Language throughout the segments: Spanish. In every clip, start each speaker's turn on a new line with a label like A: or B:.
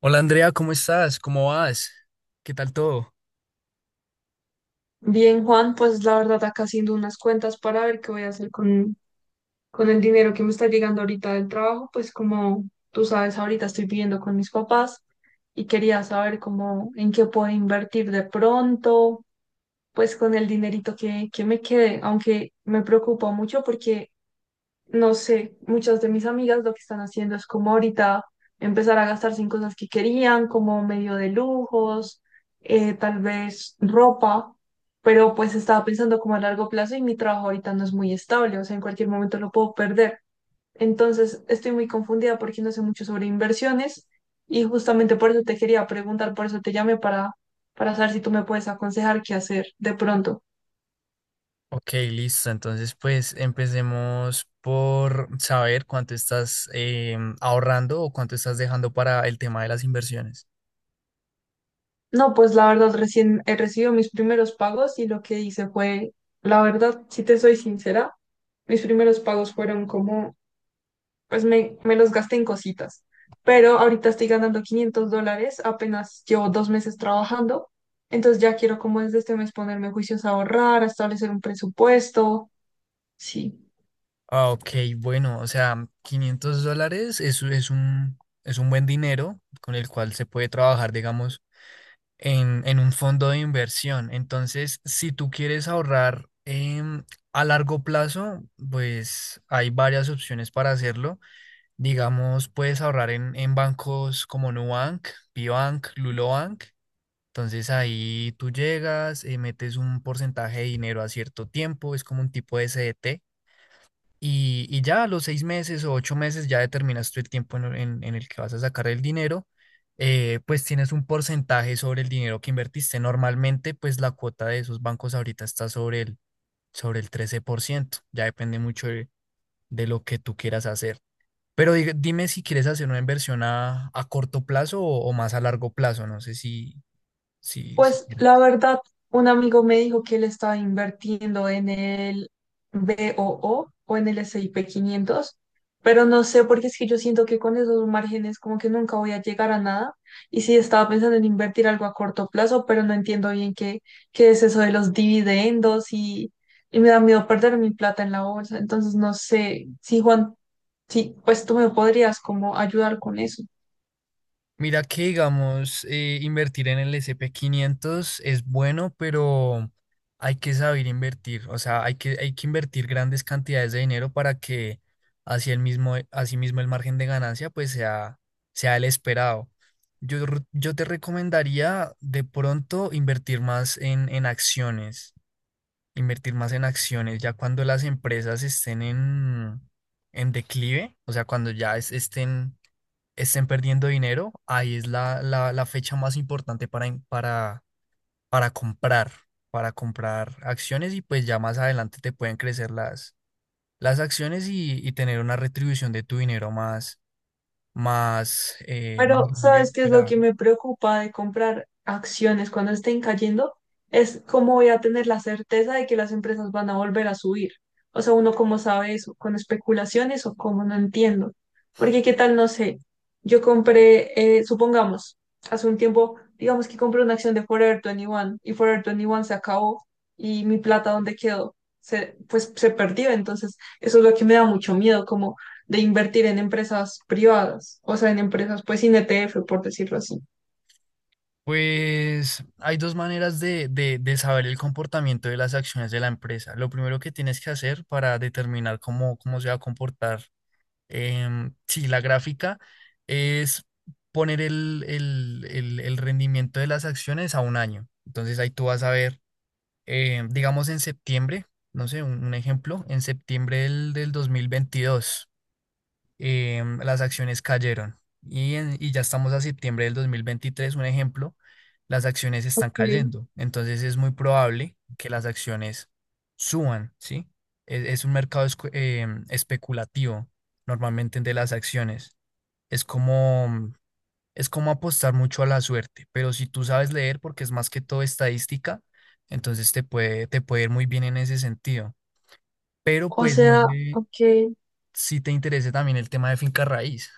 A: Hola Andrea, ¿cómo estás? ¿Cómo vas? ¿Qué tal todo?
B: Bien, Juan, pues la verdad acá haciendo unas cuentas para ver qué voy a hacer con el dinero que me está llegando ahorita del trabajo, pues como tú sabes, ahorita estoy viviendo con mis papás y quería saber cómo, en qué puedo invertir de pronto, pues con el dinerito que me quede, aunque me preocupa mucho porque, no sé, muchas de mis amigas lo que están haciendo es como ahorita empezar a gastarse en cosas que querían, como medio de lujos, tal vez ropa. Pero pues estaba pensando como a largo plazo y mi trabajo ahorita no es muy estable, o sea, en cualquier momento lo puedo perder. Entonces, estoy muy confundida porque no sé mucho sobre inversiones y justamente por eso te quería preguntar, por eso te llamé para saber si tú me puedes aconsejar qué hacer de pronto.
A: Ok, listo. Entonces, pues empecemos por saber cuánto estás ahorrando o cuánto estás dejando para el tema de las inversiones.
B: No, pues la verdad, recién he recibido mis primeros pagos y lo que hice fue, la verdad, si te soy sincera, mis primeros pagos fueron como pues me los gasté en cositas. Pero ahorita estoy ganando $500, apenas llevo 2 meses trabajando. Entonces ya quiero como desde este mes ponerme juicios a ahorrar, a establecer un presupuesto. Sí.
A: Ah, ok, bueno, o sea, 500 dólares es un buen dinero con el cual se puede trabajar, digamos, en un fondo de inversión. Entonces, si tú quieres ahorrar a largo plazo, pues hay varias opciones para hacerlo. Digamos, puedes ahorrar en bancos como Nubank, Biobank, Lulobank. Entonces ahí tú llegas, metes un porcentaje de dinero a cierto tiempo, es como un tipo de CDT. Y ya a los 6 meses o 8 meses ya determinas tú el tiempo en el que vas a sacar el dinero. Pues tienes un porcentaje sobre el dinero que invertiste. Normalmente, pues la cuota de esos bancos ahorita está sobre el 13%. Ya depende mucho de lo que tú quieras hacer. Pero dime si quieres hacer una inversión a corto plazo o más a largo plazo, no sé si
B: Pues
A: quieres.
B: la verdad, un amigo me dijo que él estaba invirtiendo en el BOO o O o en el S&P 500, pero no sé porque es que yo siento que con esos márgenes como que nunca voy a llegar a nada. Y sí, estaba pensando en invertir algo a corto plazo, pero no entiendo bien qué, qué es eso de los dividendos y me da miedo perder mi plata en la bolsa. Entonces no sé si Juan, sí, pues tú me podrías como ayudar con eso.
A: Mira que, digamos, invertir en el S&P 500 es bueno, pero hay que saber invertir, o sea, hay que invertir grandes cantidades de dinero para que así el mismo, así mismo el margen de ganancia pues sea el esperado. Yo te recomendaría de pronto invertir más en acciones. Invertir más en acciones, ya cuando las empresas estén en declive, o sea, cuando ya estén perdiendo dinero, ahí es la fecha más importante para comprar, para comprar acciones y pues ya más adelante te pueden crecer las acciones y tener una retribución de tu dinero más
B: Pero, ¿sabes
A: grande.
B: qué es lo que me preocupa de comprar acciones cuando estén cayendo? Es cómo voy a tener la certeza de que las empresas van a volver a subir. O sea, uno cómo sabe eso, con especulaciones o cómo, no entiendo. Porque qué tal, no sé, yo compré, supongamos, hace un tiempo, digamos que compré una acción de Forever 21 y Forever 21 se acabó y mi plata, ¿dónde quedó? Pues se perdió. Entonces, eso es lo que me da mucho miedo, como de invertir en empresas privadas, o sea, en empresas pues sin ETF, por decirlo así.
A: Pues hay dos maneras de saber el comportamiento de las acciones de la empresa. Lo primero que tienes que hacer para determinar cómo se va a comportar, sí, la gráfica es poner el rendimiento de las acciones a un año. Entonces ahí tú vas a ver, digamos en septiembre, no sé, un ejemplo, en septiembre del 2022, las acciones cayeron. Y ya estamos a septiembre del 2023, un ejemplo, las acciones están
B: Ok.
A: cayendo. Entonces es muy probable que las acciones suban, ¿sí? Es un mercado especulativo normalmente de las acciones. Es como, es como apostar mucho a la suerte, pero si tú sabes leer, porque es más que todo estadística, entonces te puede ir muy bien en ese sentido. Pero
B: O
A: pues no
B: sea,
A: sé
B: ok.
A: si te interesa también el tema de finca raíz.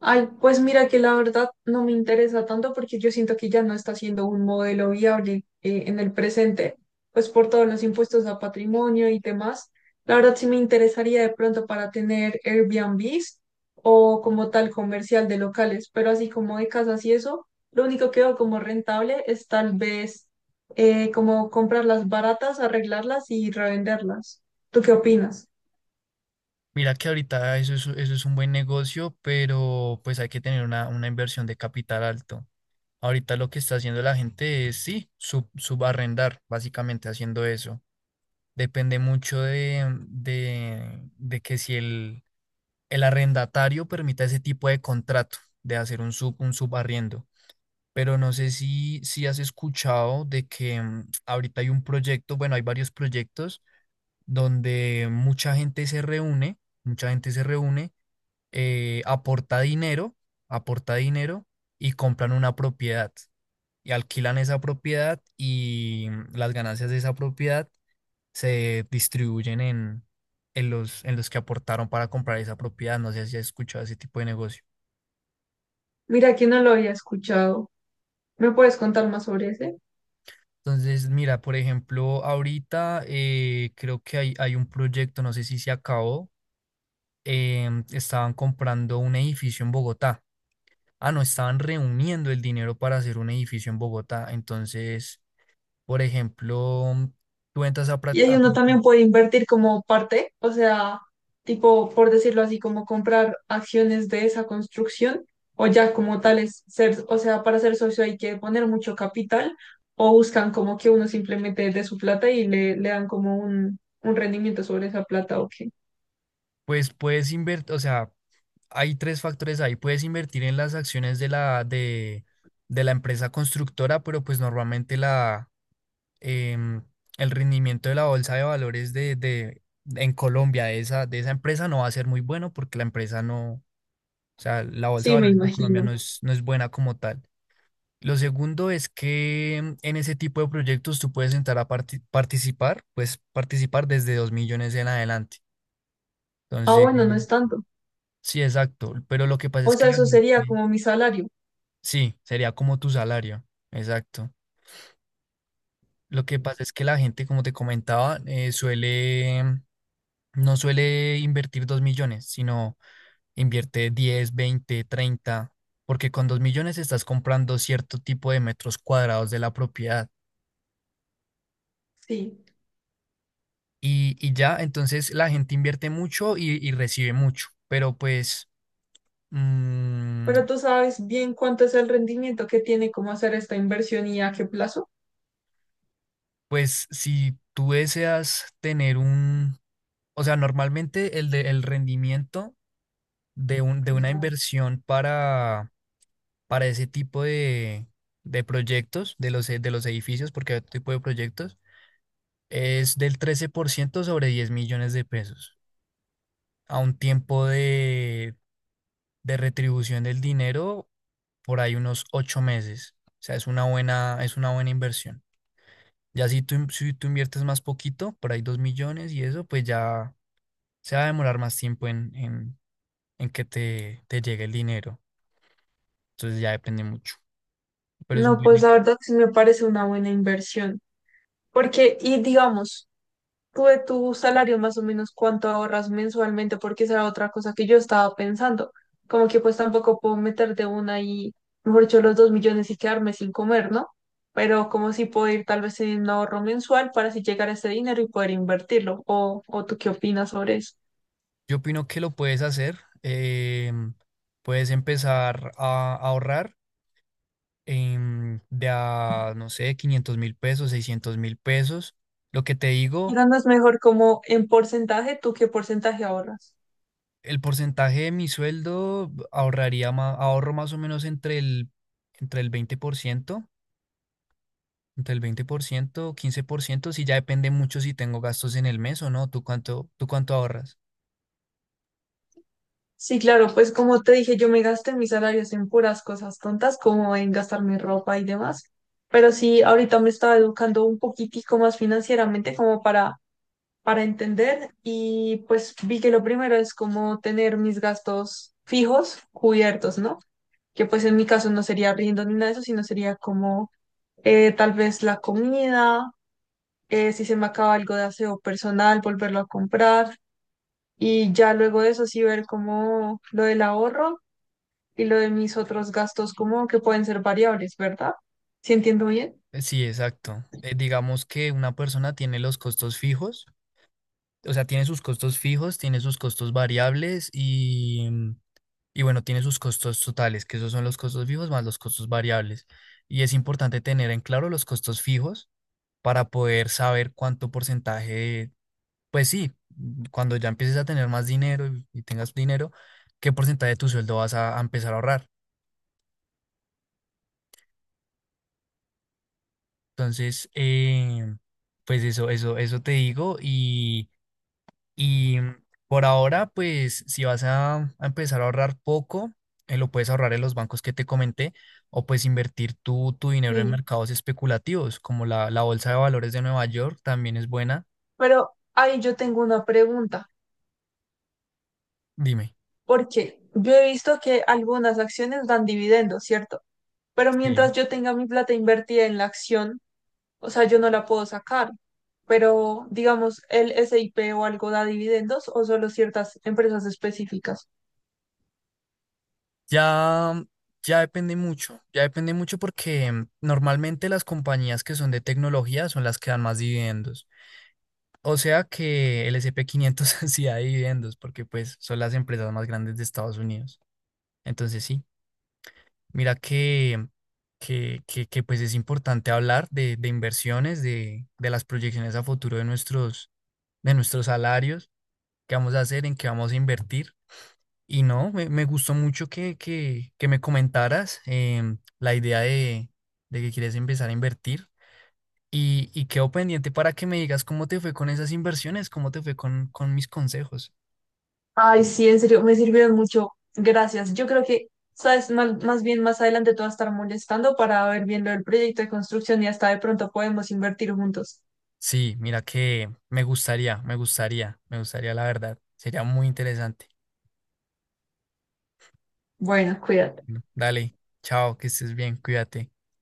B: Ay, pues mira que la verdad no me interesa tanto porque yo siento que ya no está siendo un modelo viable, en el presente, pues por todos los impuestos a patrimonio y demás. La verdad sí me interesaría de pronto para tener Airbnbs o como tal comercial de locales, pero así como de casas y eso, lo único que veo como rentable es tal vez, como comprarlas baratas, arreglarlas y revenderlas. ¿Tú qué opinas?
A: Mira que ahorita eso es un buen negocio, pero pues hay que tener una inversión de capital alto. Ahorita lo que está haciendo la gente es, sí, subarrendar, básicamente haciendo eso. Depende mucho de que si el arrendatario permita ese tipo de contrato, de hacer un subarriendo. Pero no sé si has escuchado de que ahorita hay un proyecto, bueno, hay varios proyectos donde mucha gente se reúne, eh, aporta dinero, aporta dinero y compran una propiedad y alquilan esa propiedad y, las ganancias de esa propiedad se distribuyen en los que aportaron para comprar esa propiedad. No sé si has escuchado ese tipo de negocio.
B: Mira que no lo había escuchado. ¿Me puedes contar más sobre ese?
A: Entonces, mira, por ejemplo, ahorita, creo que hay un proyecto, no sé si se acabó, estaban comprando un edificio en Bogotá. Ah, no, estaban reuniendo el dinero para hacer un edificio en Bogotá. Entonces, por ejemplo, tú entras, a, pra-
B: Y ahí
A: a
B: uno
A: parte-
B: también puede invertir como parte, o sea, tipo, por decirlo así, como comprar acciones de esa construcción o ya como tales ser, o sea, para ser socio hay que poner mucho capital o buscan como que uno simplemente de su plata y le dan como un rendimiento sobre esa plata o qué.
A: pues puedes invertir, o sea, hay tres factores ahí. Puedes invertir en las acciones de la empresa constructora, pero pues normalmente em, el rendimiento de la bolsa de valores en Colombia de esa empresa no va a ser muy bueno porque la empresa no, o sea, la bolsa de
B: Sí, me
A: valores de Colombia
B: imagino.
A: no es buena como tal. Lo segundo es que en ese tipo de proyectos tú puedes entrar a participar desde 2 millones en adelante.
B: Ah,
A: Entonces,
B: bueno, no es tanto.
A: sí, exacto. Pero lo que pasa es
B: O
A: que
B: sea,
A: la
B: eso sería
A: gente,
B: como mi salario.
A: sí, sería como tu salario. Exacto. Lo que pasa es que la gente, como te comentaba, no suele invertir 2 millones, sino invierte 10, 20, 30 porque con 2 millones estás comprando cierto tipo de metros cuadrados de la propiedad.
B: Sí.
A: Y ya, entonces la gente invierte mucho y recibe mucho, pero pues, mm,
B: Pero tú sabes bien cuánto es el rendimiento que tiene como hacer esta inversión y a qué plazo.
A: pues si tú deseas tener un, o sea, normalmente el rendimiento de una inversión para ese tipo de proyectos, de los edificios, porque hay otro tipo de proyectos, es del 13% sobre 10 millones de pesos a un tiempo de retribución del dinero por ahí unos 8 meses. O sea, es una buena inversión. Ya si si tú inviertes más poquito, por ahí 2 millones y eso, pues ya se va a demorar más tiempo en que te llegue el dinero. Entonces ya depende mucho. Pero es un
B: No,
A: buen...
B: pues
A: ne-
B: la verdad sí me parece una buena inversión. Porque, y digamos, tú de tu salario más o menos cuánto ahorras mensualmente, porque esa era otra cosa que yo estaba pensando. Como que pues tampoco puedo meter de una y, mejor dicho, los 2 millones y quedarme sin comer, ¿no? Pero como si puedo ir tal vez en un ahorro mensual para así llegar a ese dinero y poder invertirlo. O tú qué opinas sobre eso?
A: Yo opino que lo puedes hacer. Puedes empezar a ahorrar de a, no sé, 500.000 pesos, 600.000 pesos. Lo que te digo,
B: Pero no es mejor como en porcentaje, ¿tú qué porcentaje ahorras?
A: el porcentaje de mi sueldo ahorro más o menos entre el 20%, 15%, si ya depende mucho si tengo gastos en el mes o no. ¿Tú cuánto ahorras?
B: Sí, claro, pues como te dije, yo me gasté mis salarios en puras cosas tontas, como en gastar mi ropa y demás. Pero sí, ahorita me estaba educando un poquitico más financieramente como para entender y pues vi que lo primero es como tener mis gastos fijos cubiertos, ¿no? Que pues en mi caso no sería riendo ni nada de eso, sino sería como, tal vez la comida, si se me acaba algo de aseo personal, volverlo a comprar. Y ya luego de eso sí ver como lo del ahorro y lo de mis otros gastos como que pueden ser variables, ¿verdad? ¿Sí entiendo bien?
A: Sí, exacto. Digamos que una persona tiene los costos fijos, o sea, tiene sus costos fijos, tiene sus costos variables y, y bueno, tiene sus costos totales, que esos son los costos fijos más los costos variables. Y es importante tener en claro los costos fijos para poder saber cuánto porcentaje, pues sí, cuando ya empieces a tener más dinero y tengas dinero, qué porcentaje de tu sueldo vas a empezar a ahorrar. Entonces, pues eso te digo y por ahora, pues si vas a empezar a ahorrar poco, lo puedes ahorrar en los bancos que te comenté o pues invertir tu dinero en
B: Sí.
A: mercados especulativos, como la bolsa de valores de Nueva York también es buena.
B: Pero ahí yo tengo una pregunta,
A: Dime.
B: porque yo he visto que algunas acciones dan dividendos, ¿cierto? Pero mientras
A: Sí.
B: yo tenga mi plata invertida en la acción, o sea, yo no la puedo sacar. Pero digamos, el SIP o algo da dividendos o solo ciertas empresas específicas.
A: Ya, ya depende mucho porque normalmente las compañías que son de tecnología son las que dan más dividendos. O sea que el S&P 500 sí da dividendos porque pues son las empresas más grandes de Estados Unidos. Entonces sí, mira que pues es importante hablar de inversiones, de las proyecciones a futuro de nuestros salarios, qué vamos a hacer, en qué vamos a invertir. Y no, me gustó mucho que, que me comentaras, la idea de que quieres empezar a invertir y quedo pendiente para que me digas cómo te fue con esas inversiones, cómo te fue con mis consejos.
B: Ay, sí, en serio, me sirvieron mucho. Gracias. Yo creo que, sabes, más bien más adelante te vas a estar molestando para ver bien lo del proyecto de construcción y hasta de pronto podemos invertir juntos.
A: Sí, mira que me gustaría la verdad. Sería muy interesante.
B: Bueno, cuídate.
A: Bueno, dale, chao, que estés bien, cuídate.